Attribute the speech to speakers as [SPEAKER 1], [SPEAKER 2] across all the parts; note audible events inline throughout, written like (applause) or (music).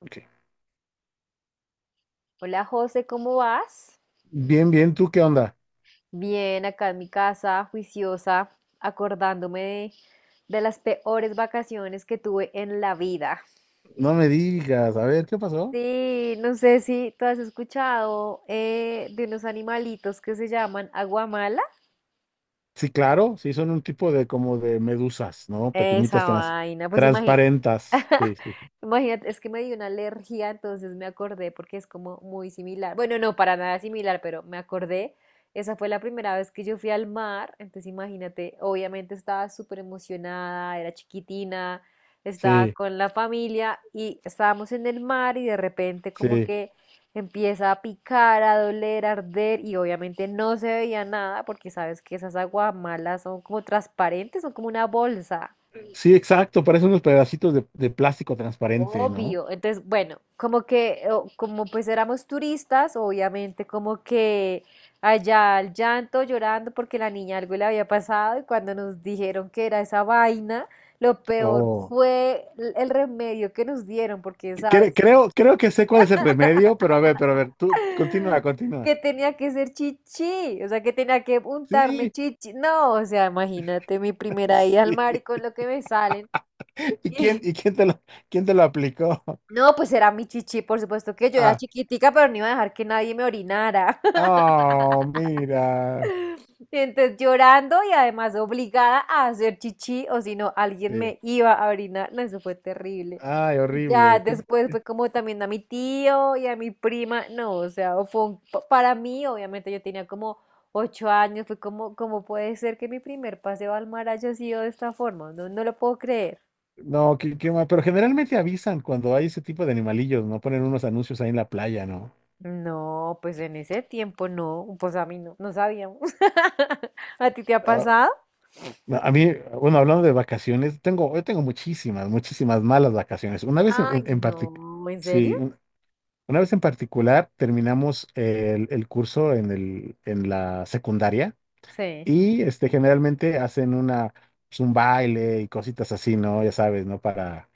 [SPEAKER 1] Ok.
[SPEAKER 2] Hola José, ¿cómo vas?
[SPEAKER 1] Bien, bien, ¿tú qué onda?
[SPEAKER 2] Bien, acá en mi casa, juiciosa, acordándome de las peores vacaciones que tuve en la vida.
[SPEAKER 1] No me digas, a ver, ¿qué pasó?
[SPEAKER 2] Sí, no sé si tú has escuchado de unos animalitos que se llaman aguamala.
[SPEAKER 1] Sí, claro, sí, son un tipo de como de medusas, ¿no?
[SPEAKER 2] Esa vaina, pues imagínate.
[SPEAKER 1] Transparentas. Sí, sí,
[SPEAKER 2] (laughs) Imagínate, es que me dio una alergia, entonces me acordé porque es como muy similar. Bueno, no, para nada similar, pero me acordé. Esa fue la primera vez que yo fui al mar, entonces imagínate, obviamente estaba súper emocionada, era chiquitina, estaba
[SPEAKER 1] sí,
[SPEAKER 2] con la familia y estábamos en el mar y de repente como
[SPEAKER 1] sí,
[SPEAKER 2] que empieza a picar, a doler, a arder y obviamente no se veía nada porque sabes que esas aguamalas son como transparentes, son como una bolsa.
[SPEAKER 1] sí, exacto, parecen unos pedacitos de plástico transparente, ¿no?
[SPEAKER 2] Obvio. Entonces, bueno, como que, como pues éramos turistas, obviamente como que allá al llanto, llorando porque la niña algo le había pasado y cuando nos dijeron que era esa vaina, lo peor
[SPEAKER 1] Oh,
[SPEAKER 2] fue el remedio que nos dieron, porque, ¿sabes?
[SPEAKER 1] creo que sé cuál es el remedio, pero a ver, tú continúa,
[SPEAKER 2] (laughs)
[SPEAKER 1] continúa.
[SPEAKER 2] Que tenía que ser chichi, o sea, que tenía que untarme
[SPEAKER 1] Sí,
[SPEAKER 2] chichi. No, o sea, imagínate mi
[SPEAKER 1] (laughs)
[SPEAKER 2] primera ida al
[SPEAKER 1] sí.
[SPEAKER 2] mar y con lo que me salen.
[SPEAKER 1] ¿Y
[SPEAKER 2] (laughs)
[SPEAKER 1] quién te lo aplicó? (laughs)
[SPEAKER 2] No, pues era mi chichi, por supuesto que yo era
[SPEAKER 1] Ah,
[SPEAKER 2] chiquitica, pero no iba a dejar que nadie me orinara.
[SPEAKER 1] oh, mira.
[SPEAKER 2] (laughs) Entonces llorando y además obligada a hacer chichi, o si no, alguien
[SPEAKER 1] Sí.
[SPEAKER 2] me iba a orinar. No, eso fue terrible.
[SPEAKER 1] Ay,
[SPEAKER 2] Y ya
[SPEAKER 1] horrible.
[SPEAKER 2] después fue como también a mi tío y a mi prima. No, o sea, para mí, obviamente yo tenía como ocho años, fue como, como puede ser que mi primer paseo al mar haya sido de esta forma? No, no lo puedo creer.
[SPEAKER 1] No, qué, qué mal. Pero generalmente avisan cuando hay ese tipo de animalillos, ¿no? Ponen unos anuncios ahí en la playa, ¿no?
[SPEAKER 2] No, pues en ese tiempo no, pues a mí no sabíamos. (laughs) ¿A ti te ha
[SPEAKER 1] Ah,
[SPEAKER 2] pasado?
[SPEAKER 1] no, a mí, bueno, hablando de vacaciones, tengo, yo tengo muchísimas, muchísimas malas vacaciones. Una vez
[SPEAKER 2] Ay,
[SPEAKER 1] en particular,
[SPEAKER 2] no, ¿en
[SPEAKER 1] sí,
[SPEAKER 2] serio?
[SPEAKER 1] una vez en particular terminamos el curso en el, en la secundaria.
[SPEAKER 2] Sí.
[SPEAKER 1] Y este, generalmente hacen una, pues, un baile y cositas así, ¿no? Ya sabes, ¿no? Para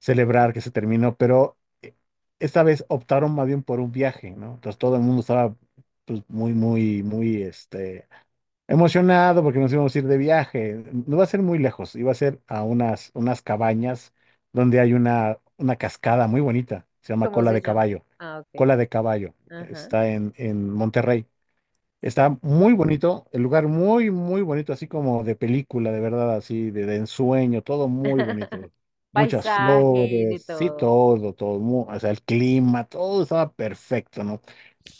[SPEAKER 1] celebrar que se terminó, pero esta vez optaron más bien por un viaje, ¿no? Entonces todo el mundo estaba pues, muy, muy, muy emocionado porque nos íbamos a ir de viaje. No va a ser muy lejos, iba a ser a unas, unas cabañas donde hay una cascada muy bonita, se llama
[SPEAKER 2] ¿Cómo se llama? Ah, ok.
[SPEAKER 1] Cola de Caballo,
[SPEAKER 2] Ajá.
[SPEAKER 1] está en Monterrey.
[SPEAKER 2] Sí.
[SPEAKER 1] Está muy bonito, el lugar muy, muy bonito, así como de película, de verdad, así de ensueño, todo muy bonito. Muchas
[SPEAKER 2] Paisaje, de
[SPEAKER 1] flores, sí,
[SPEAKER 2] todo.
[SPEAKER 1] todo, todo, o sea, el clima, todo estaba perfecto, ¿no?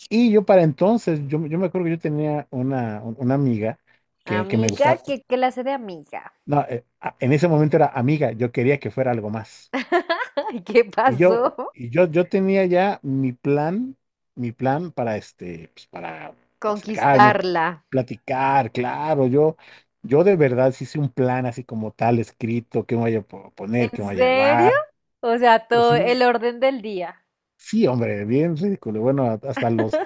[SPEAKER 1] Y yo para entonces, yo me acuerdo que yo tenía una, una amiga que me
[SPEAKER 2] Amiga,
[SPEAKER 1] gustaba,
[SPEAKER 2] ¿qué clase de amiga?
[SPEAKER 1] no, en ese momento era amiga, yo quería que fuera algo más.
[SPEAKER 2] (laughs) Ay, ¿qué pasó?
[SPEAKER 1] Y yo, yo tenía ya mi plan para pues, para
[SPEAKER 2] (laughs)
[SPEAKER 1] acercarme,
[SPEAKER 2] Conquistarla.
[SPEAKER 1] platicar, claro, yo de verdad sí hice un plan así como tal, escrito, qué me voy a poner, qué me
[SPEAKER 2] ¿En
[SPEAKER 1] voy a
[SPEAKER 2] serio?
[SPEAKER 1] llevar.
[SPEAKER 2] O sea,
[SPEAKER 1] Pues
[SPEAKER 2] todo
[SPEAKER 1] sí,
[SPEAKER 2] el orden del día.
[SPEAKER 1] sí, hombre, bien ridículo. Bueno, hasta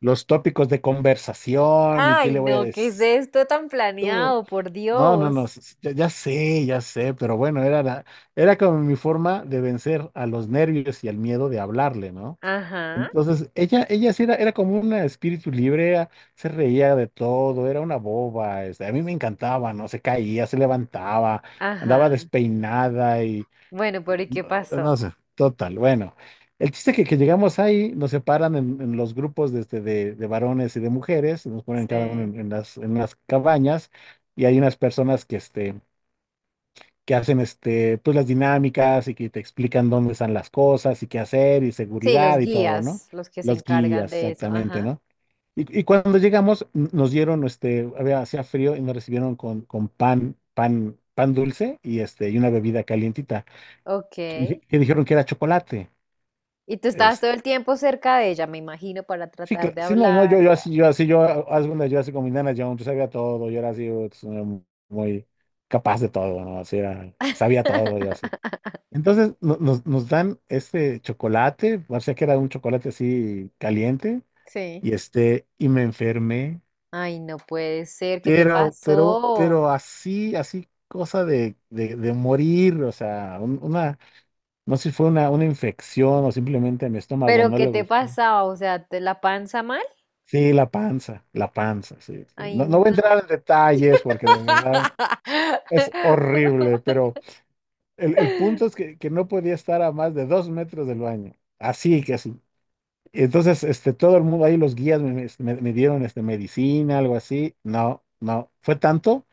[SPEAKER 1] los tópicos de conversación y qué
[SPEAKER 2] Ay,
[SPEAKER 1] le voy a
[SPEAKER 2] no, ¿qué es
[SPEAKER 1] decir.
[SPEAKER 2] esto tan
[SPEAKER 1] Todo.
[SPEAKER 2] planeado? Por
[SPEAKER 1] No, no, no,
[SPEAKER 2] Dios.
[SPEAKER 1] ya, ya sé, pero bueno, era la, era como mi forma de vencer a los nervios y al miedo de hablarle, ¿no?
[SPEAKER 2] Ajá,
[SPEAKER 1] Entonces, ella sí era, era como una espíritu libre, se reía de todo, era una boba, este, a mí me encantaba, ¿no? Se caía, se levantaba, andaba
[SPEAKER 2] ajá.
[SPEAKER 1] despeinada
[SPEAKER 2] Bueno, pero
[SPEAKER 1] y
[SPEAKER 2] ¿y qué
[SPEAKER 1] no, no
[SPEAKER 2] pasó?
[SPEAKER 1] sé, total, bueno. El chiste que llegamos ahí, nos separan en los grupos de, este, de varones y de mujeres, nos ponen cada uno
[SPEAKER 2] Sí.
[SPEAKER 1] en las cabañas y hay unas personas que, este, que hacen este, pues las dinámicas y que te explican dónde están las cosas y qué hacer y
[SPEAKER 2] Sí, los
[SPEAKER 1] seguridad y todo, ¿no?
[SPEAKER 2] guías, los que se
[SPEAKER 1] Los
[SPEAKER 2] encargan
[SPEAKER 1] guías,
[SPEAKER 2] de eso.
[SPEAKER 1] exactamente,
[SPEAKER 2] Ajá.
[SPEAKER 1] ¿no? Y cuando llegamos, nos dieron, este, había, hacía frío y nos recibieron con pan, pan, pan dulce y este, y una bebida calientita,
[SPEAKER 2] Ok.
[SPEAKER 1] que, que dijeron que era chocolate.
[SPEAKER 2] Y tú estabas
[SPEAKER 1] Este,
[SPEAKER 2] todo el tiempo cerca de ella, me imagino, para
[SPEAKER 1] sí,
[SPEAKER 2] tratar
[SPEAKER 1] que,
[SPEAKER 2] de
[SPEAKER 1] sí, no, no, yo,
[SPEAKER 2] hablar y
[SPEAKER 1] yo
[SPEAKER 2] tal.
[SPEAKER 1] así, yo así, yo, haz una, yo así como Indiana Jones, yo sabía todo, yo era así, uts, muy capaz de todo, ¿no? Así era, sabía todo, yo así. Entonces nos, nos dan este chocolate, parecía que era un chocolate así caliente,
[SPEAKER 2] Sí.
[SPEAKER 1] y este, y me enfermé,
[SPEAKER 2] Ay, no puede ser, ¿qué te pasó?
[SPEAKER 1] pero así, así cosa de morir, o sea, una, no sé si fue una infección o simplemente mi estómago
[SPEAKER 2] ¿Pero
[SPEAKER 1] no
[SPEAKER 2] qué
[SPEAKER 1] le
[SPEAKER 2] te
[SPEAKER 1] gustó.
[SPEAKER 2] pasaba? O sea, ¿te la panza mal?
[SPEAKER 1] Sí, la panza, sí, sí.
[SPEAKER 2] Ay,
[SPEAKER 1] No, no voy a
[SPEAKER 2] no.
[SPEAKER 1] entrar en detalles porque de verdad es horrible, pero el punto es que no podía estar a más de dos metros del baño, así que así. Entonces, este, todo el mundo, ahí los guías me, me dieron este, medicina, algo así. No, no, fue tanto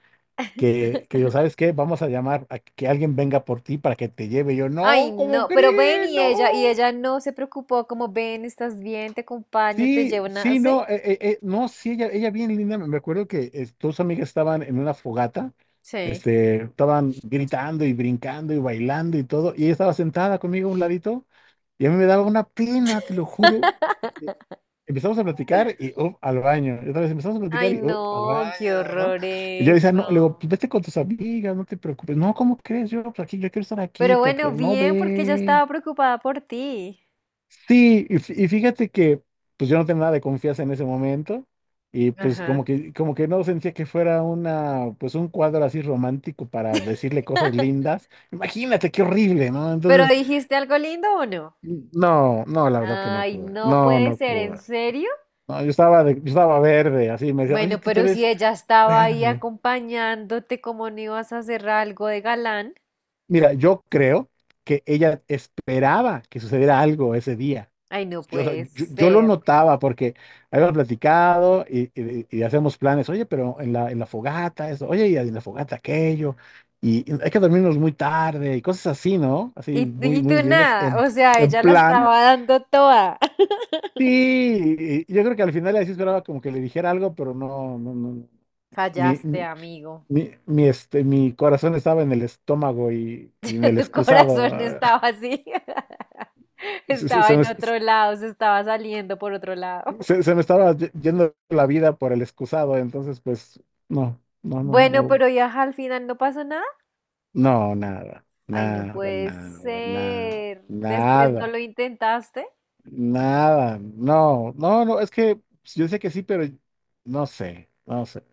[SPEAKER 1] que yo, ¿sabes qué? Vamos a llamar a que alguien venga por ti para que te lleve. Yo,
[SPEAKER 2] Ay,
[SPEAKER 1] no, ¿cómo
[SPEAKER 2] no. Pero ven
[SPEAKER 1] crees?
[SPEAKER 2] y
[SPEAKER 1] No.
[SPEAKER 2] ella no se preocupó, como ven, estás bien, te acompaño, te
[SPEAKER 1] Sí,
[SPEAKER 2] llevo una.
[SPEAKER 1] sí,
[SPEAKER 2] ¿Sí?
[SPEAKER 1] no, no, sí, ella bien linda. Me acuerdo que tus amigas estaban en una fogata,
[SPEAKER 2] Sí.
[SPEAKER 1] este, estaban gritando y brincando y bailando y todo, y ella estaba sentada conmigo a un ladito, y a mí me daba una pena, te lo juro. Empezamos a platicar y up al baño. Y otra vez empezamos a platicar
[SPEAKER 2] Ay,
[SPEAKER 1] y up al
[SPEAKER 2] no, qué
[SPEAKER 1] baño, ¿no?
[SPEAKER 2] horror
[SPEAKER 1] Y yo le decía, no, le digo,
[SPEAKER 2] eso.
[SPEAKER 1] pues vete con tus amigas, no te preocupes. No, ¿cómo crees? Yo, pues aquí, yo quiero estar aquí,
[SPEAKER 2] Pero bueno,
[SPEAKER 1] platicando. No
[SPEAKER 2] bien, porque yo
[SPEAKER 1] ve.
[SPEAKER 2] estaba preocupada por ti.
[SPEAKER 1] Sí, y, y fíjate que, pues yo no tenía nada de confianza en ese momento. Y pues
[SPEAKER 2] Ajá.
[SPEAKER 1] como que no sentía que fuera una, pues un cuadro así romántico para decirle cosas
[SPEAKER 2] (laughs)
[SPEAKER 1] lindas. Imagínate qué horrible, ¿no?
[SPEAKER 2] ¿Pero
[SPEAKER 1] Entonces,
[SPEAKER 2] dijiste algo lindo o no?
[SPEAKER 1] no, no, la verdad que no
[SPEAKER 2] Ay,
[SPEAKER 1] pude.
[SPEAKER 2] no
[SPEAKER 1] No,
[SPEAKER 2] puede
[SPEAKER 1] no
[SPEAKER 2] ser, ¿en
[SPEAKER 1] pude.
[SPEAKER 2] serio?
[SPEAKER 1] No, yo estaba, yo estaba verde, así me decía, oye,
[SPEAKER 2] Bueno,
[SPEAKER 1] tú te
[SPEAKER 2] pero si
[SPEAKER 1] ves
[SPEAKER 2] ella estaba ahí
[SPEAKER 1] verde.
[SPEAKER 2] acompañándote, ¿cómo no ibas a hacer algo de galán?
[SPEAKER 1] Mira, yo creo que ella esperaba que sucediera algo ese día.
[SPEAKER 2] Ay, no
[SPEAKER 1] Yo, o sea,
[SPEAKER 2] puede
[SPEAKER 1] yo lo
[SPEAKER 2] ser.
[SPEAKER 1] notaba porque habíamos platicado y, y hacemos planes, oye, pero en la fogata, eso, oye, y en la fogata aquello, y hay que dormirnos muy tarde, y cosas así, ¿no? Así
[SPEAKER 2] Y, tú-
[SPEAKER 1] muy,
[SPEAKER 2] y tú
[SPEAKER 1] muy lindas,
[SPEAKER 2] nada, o sea,
[SPEAKER 1] en
[SPEAKER 2] ella la
[SPEAKER 1] plan.
[SPEAKER 2] estaba dando toda. (laughs)
[SPEAKER 1] Sí, y yo creo que al final ella sí esperaba como que le dijera algo, pero no, no, no. mi,
[SPEAKER 2] Fallaste,
[SPEAKER 1] mi,
[SPEAKER 2] amigo.
[SPEAKER 1] mi corazón estaba en el estómago y en
[SPEAKER 2] (laughs)
[SPEAKER 1] el
[SPEAKER 2] Tu
[SPEAKER 1] excusado.
[SPEAKER 2] corazón
[SPEAKER 1] Ah,
[SPEAKER 2] estaba
[SPEAKER 1] (laughs)
[SPEAKER 2] así. (laughs)
[SPEAKER 1] Se, se-
[SPEAKER 2] Estaba
[SPEAKER 1] se me,
[SPEAKER 2] en otro lado, se estaba saliendo por otro lado.
[SPEAKER 1] se me estaba yendo la vida por el excusado, entonces pues no, no, no,
[SPEAKER 2] Bueno,
[SPEAKER 1] no,
[SPEAKER 2] pero ya al final no pasó nada.
[SPEAKER 1] no, nada,
[SPEAKER 2] Ay, no
[SPEAKER 1] nada,
[SPEAKER 2] puede
[SPEAKER 1] nada, nada,
[SPEAKER 2] ser. Después no
[SPEAKER 1] nada,
[SPEAKER 2] lo intentaste.
[SPEAKER 1] nada, no, no, no, es que yo sé que sí, pero no sé, no sé.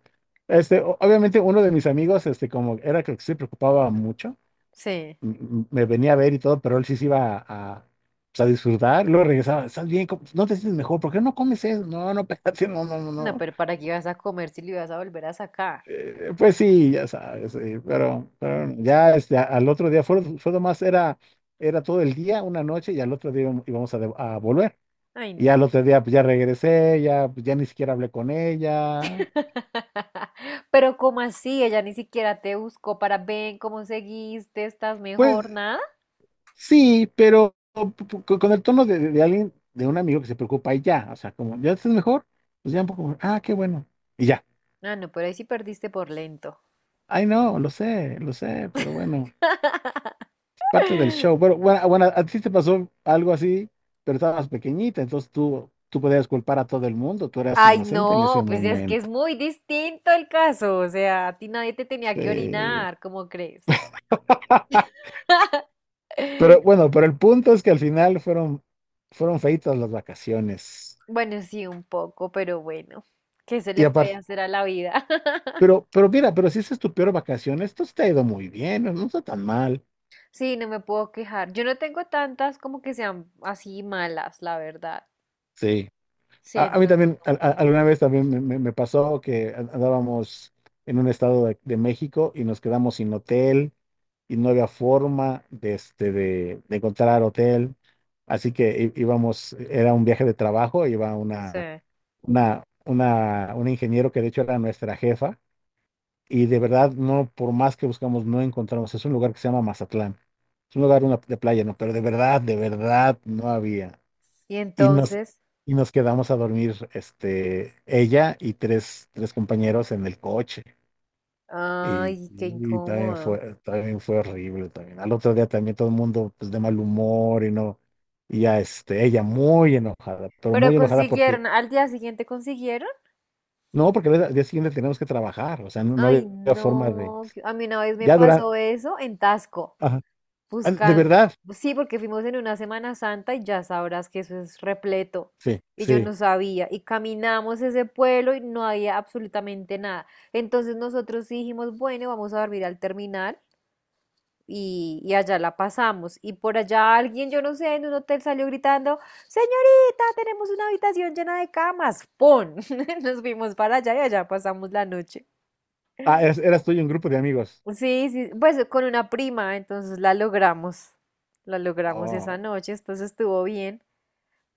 [SPEAKER 1] Este, obviamente uno de mis amigos, este, como era que se preocupaba mucho.
[SPEAKER 2] Sí.
[SPEAKER 1] Me venía a ver y todo, pero él sí se iba a, pues, a disfrutar. Luego regresaba, ¿estás bien? ¿No te sientes mejor? ¿Por qué no comes eso? No, no, (laughs) espérate, no, no, no,
[SPEAKER 2] No,
[SPEAKER 1] no.
[SPEAKER 2] pero ¿para qué ibas a comer si lo ibas a volver a sacar?
[SPEAKER 1] Pues sí, ya sabes, pero ya este, al otro día fue, fue nomás, era, era todo el día, una noche, y al otro día íbamos a, a volver.
[SPEAKER 2] Ay,
[SPEAKER 1] Y al
[SPEAKER 2] no.
[SPEAKER 1] otro día pues ya regresé, ya, pues, ya ni siquiera hablé con ella.
[SPEAKER 2] (laughs) Pero ¿cómo así? Ella ni siquiera te buscó para ven cómo seguiste, estás
[SPEAKER 1] Pues
[SPEAKER 2] mejor, nada.
[SPEAKER 1] sí, pero con el tono de, de alguien, de un amigo que se preocupa y ya, o sea, como, ¿ya estás mejor? Pues ya un poco, ah, qué bueno, y ya.
[SPEAKER 2] Ah, no, pero ahí sí perdiste por lento.
[SPEAKER 1] Ay, no, lo sé, pero bueno,
[SPEAKER 2] (laughs)
[SPEAKER 1] es parte del show. Pero bueno, ah, bueno, a ti te pasó algo así, pero estabas pequeñita, entonces tú podías culpar a todo el mundo, tú eras
[SPEAKER 2] Ay,
[SPEAKER 1] inocente en
[SPEAKER 2] no,
[SPEAKER 1] ese
[SPEAKER 2] pues es que es
[SPEAKER 1] momento.
[SPEAKER 2] muy distinto el caso. O sea, a ti nadie te tenía que
[SPEAKER 1] Sí.
[SPEAKER 2] orinar, ¿cómo crees?
[SPEAKER 1] (laughs)
[SPEAKER 2] (laughs)
[SPEAKER 1] Pero bueno, pero el punto es que al final fueron, fueron feitas las vacaciones.
[SPEAKER 2] Bueno, sí, un poco, pero bueno, ¿qué se
[SPEAKER 1] Y
[SPEAKER 2] le puede
[SPEAKER 1] aparte,
[SPEAKER 2] hacer a la vida? (laughs)
[SPEAKER 1] pero mira, pero si esa es tu peor vacación, esto sí te ha ido muy bien, no no está tan mal.
[SPEAKER 2] Sí, no me puedo quejar. Yo no tengo tantas como que sean así malas, la verdad.
[SPEAKER 1] Sí.
[SPEAKER 2] Sí,
[SPEAKER 1] A mí
[SPEAKER 2] entonces
[SPEAKER 1] también,
[SPEAKER 2] no me quejo.
[SPEAKER 1] alguna vez también me, me pasó que andábamos en un estado de México y nos quedamos sin hotel y no había forma de, este, de encontrar hotel. Así que íbamos, era un viaje de trabajo, iba
[SPEAKER 2] Sí.
[SPEAKER 1] una, un ingeniero que de hecho era nuestra jefa. Y de verdad, no, por más que buscamos, no encontramos. Es un lugar que se llama Mazatlán. Es un lugar de playa, ¿no? Pero de verdad, no había.
[SPEAKER 2] Y
[SPEAKER 1] Y nos,
[SPEAKER 2] entonces,
[SPEAKER 1] y nos quedamos a dormir, este, ella y tres, tres compañeros en el coche.
[SPEAKER 2] ay, qué
[SPEAKER 1] Y
[SPEAKER 2] incómodo.
[SPEAKER 1] también fue horrible también. Al otro día también todo el mundo, pues, de mal humor y no. Y ya, este, ella muy enojada, pero
[SPEAKER 2] Pero
[SPEAKER 1] muy enojada porque,
[SPEAKER 2] consiguieron, al día siguiente consiguieron.
[SPEAKER 1] no, porque al día siguiente tenemos que trabajar. O sea, no, no había
[SPEAKER 2] Ay,
[SPEAKER 1] forma de,
[SPEAKER 2] no. A mí una vez me
[SPEAKER 1] ya durante,
[SPEAKER 2] pasó eso en Tasco.
[SPEAKER 1] de
[SPEAKER 2] Buscando.
[SPEAKER 1] verdad.
[SPEAKER 2] Sí, porque fuimos en una Semana Santa y ya sabrás que eso es repleto.
[SPEAKER 1] Sí,
[SPEAKER 2] Y yo
[SPEAKER 1] sí.
[SPEAKER 2] no sabía. Y caminamos ese pueblo y no había absolutamente nada. Entonces nosotros sí dijimos, bueno, vamos a dormir al terminal y allá la pasamos. Y por allá alguien, yo no sé, en un hotel salió gritando, señorita, tenemos una habitación llena de camas. ¡Pon! (laughs) Nos fuimos para allá y allá pasamos la noche.
[SPEAKER 1] Ah, eras, eras tú y un grupo de amigos.
[SPEAKER 2] Sí, sí, pues con una prima, entonces la logramos esa
[SPEAKER 1] Oh,
[SPEAKER 2] noche, entonces estuvo bien,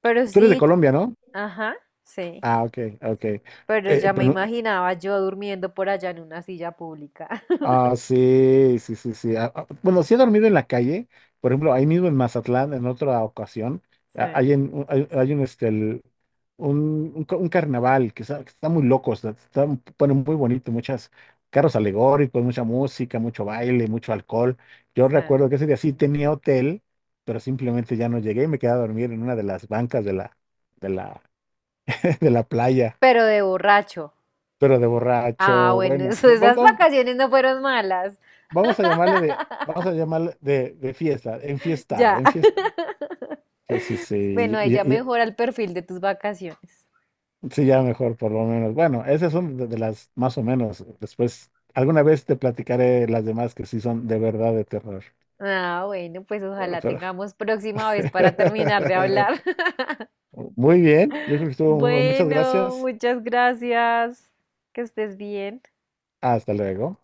[SPEAKER 2] pero
[SPEAKER 1] tú eres de
[SPEAKER 2] sí,
[SPEAKER 1] Colombia, ¿no?
[SPEAKER 2] ajá, sí,
[SPEAKER 1] Ah, ok, ok.
[SPEAKER 2] pero ya me
[SPEAKER 1] Pero,
[SPEAKER 2] imaginaba yo durmiendo por allá en una silla pública, (laughs)
[SPEAKER 1] ah, sí, sí, sí, sí. Ah, ah, bueno, sí he dormido en la calle, por ejemplo, ahí mismo en Mazatlán, en otra ocasión, ah,
[SPEAKER 2] sí,
[SPEAKER 1] hay, hay, hay un, este, un un carnaval que está muy loco, está, está, bueno, muy bonito, muchas carros alegóricos, mucha música, mucho baile, mucho alcohol. Yo
[SPEAKER 2] sí,
[SPEAKER 1] recuerdo que ese día sí tenía hotel, pero simplemente ya no llegué y me quedé a dormir en una de las bancas de la, (laughs) de la playa,
[SPEAKER 2] pero de borracho.
[SPEAKER 1] pero de borracho,
[SPEAKER 2] Ah, bueno, (laughs)
[SPEAKER 1] bueno,
[SPEAKER 2] esas
[SPEAKER 1] vamos
[SPEAKER 2] vacaciones no fueron malas.
[SPEAKER 1] vamos a llamarle de, vamos a
[SPEAKER 2] (laughs)
[SPEAKER 1] llamarle de fiesta, enfiestado,
[SPEAKER 2] Ya.
[SPEAKER 1] enfiestado.
[SPEAKER 2] (laughs)
[SPEAKER 1] Sí, sí, sí,
[SPEAKER 2] Bueno, ahí ya
[SPEAKER 1] y- y-
[SPEAKER 2] mejora el perfil de tus vacaciones.
[SPEAKER 1] sí, ya mejor por lo menos. Bueno, esas son de las más o menos. Después, alguna vez te platicaré las demás que sí son de verdad de terror.
[SPEAKER 2] Ah, bueno, pues
[SPEAKER 1] Bueno,
[SPEAKER 2] ojalá
[SPEAKER 1] pero-
[SPEAKER 2] tengamos próxima vez para terminar de hablar.
[SPEAKER 1] (laughs) Muy bien, yo creo que estuvo, muchas
[SPEAKER 2] Bueno,
[SPEAKER 1] gracias.
[SPEAKER 2] muchas gracias. Que estés bien.
[SPEAKER 1] Hasta luego.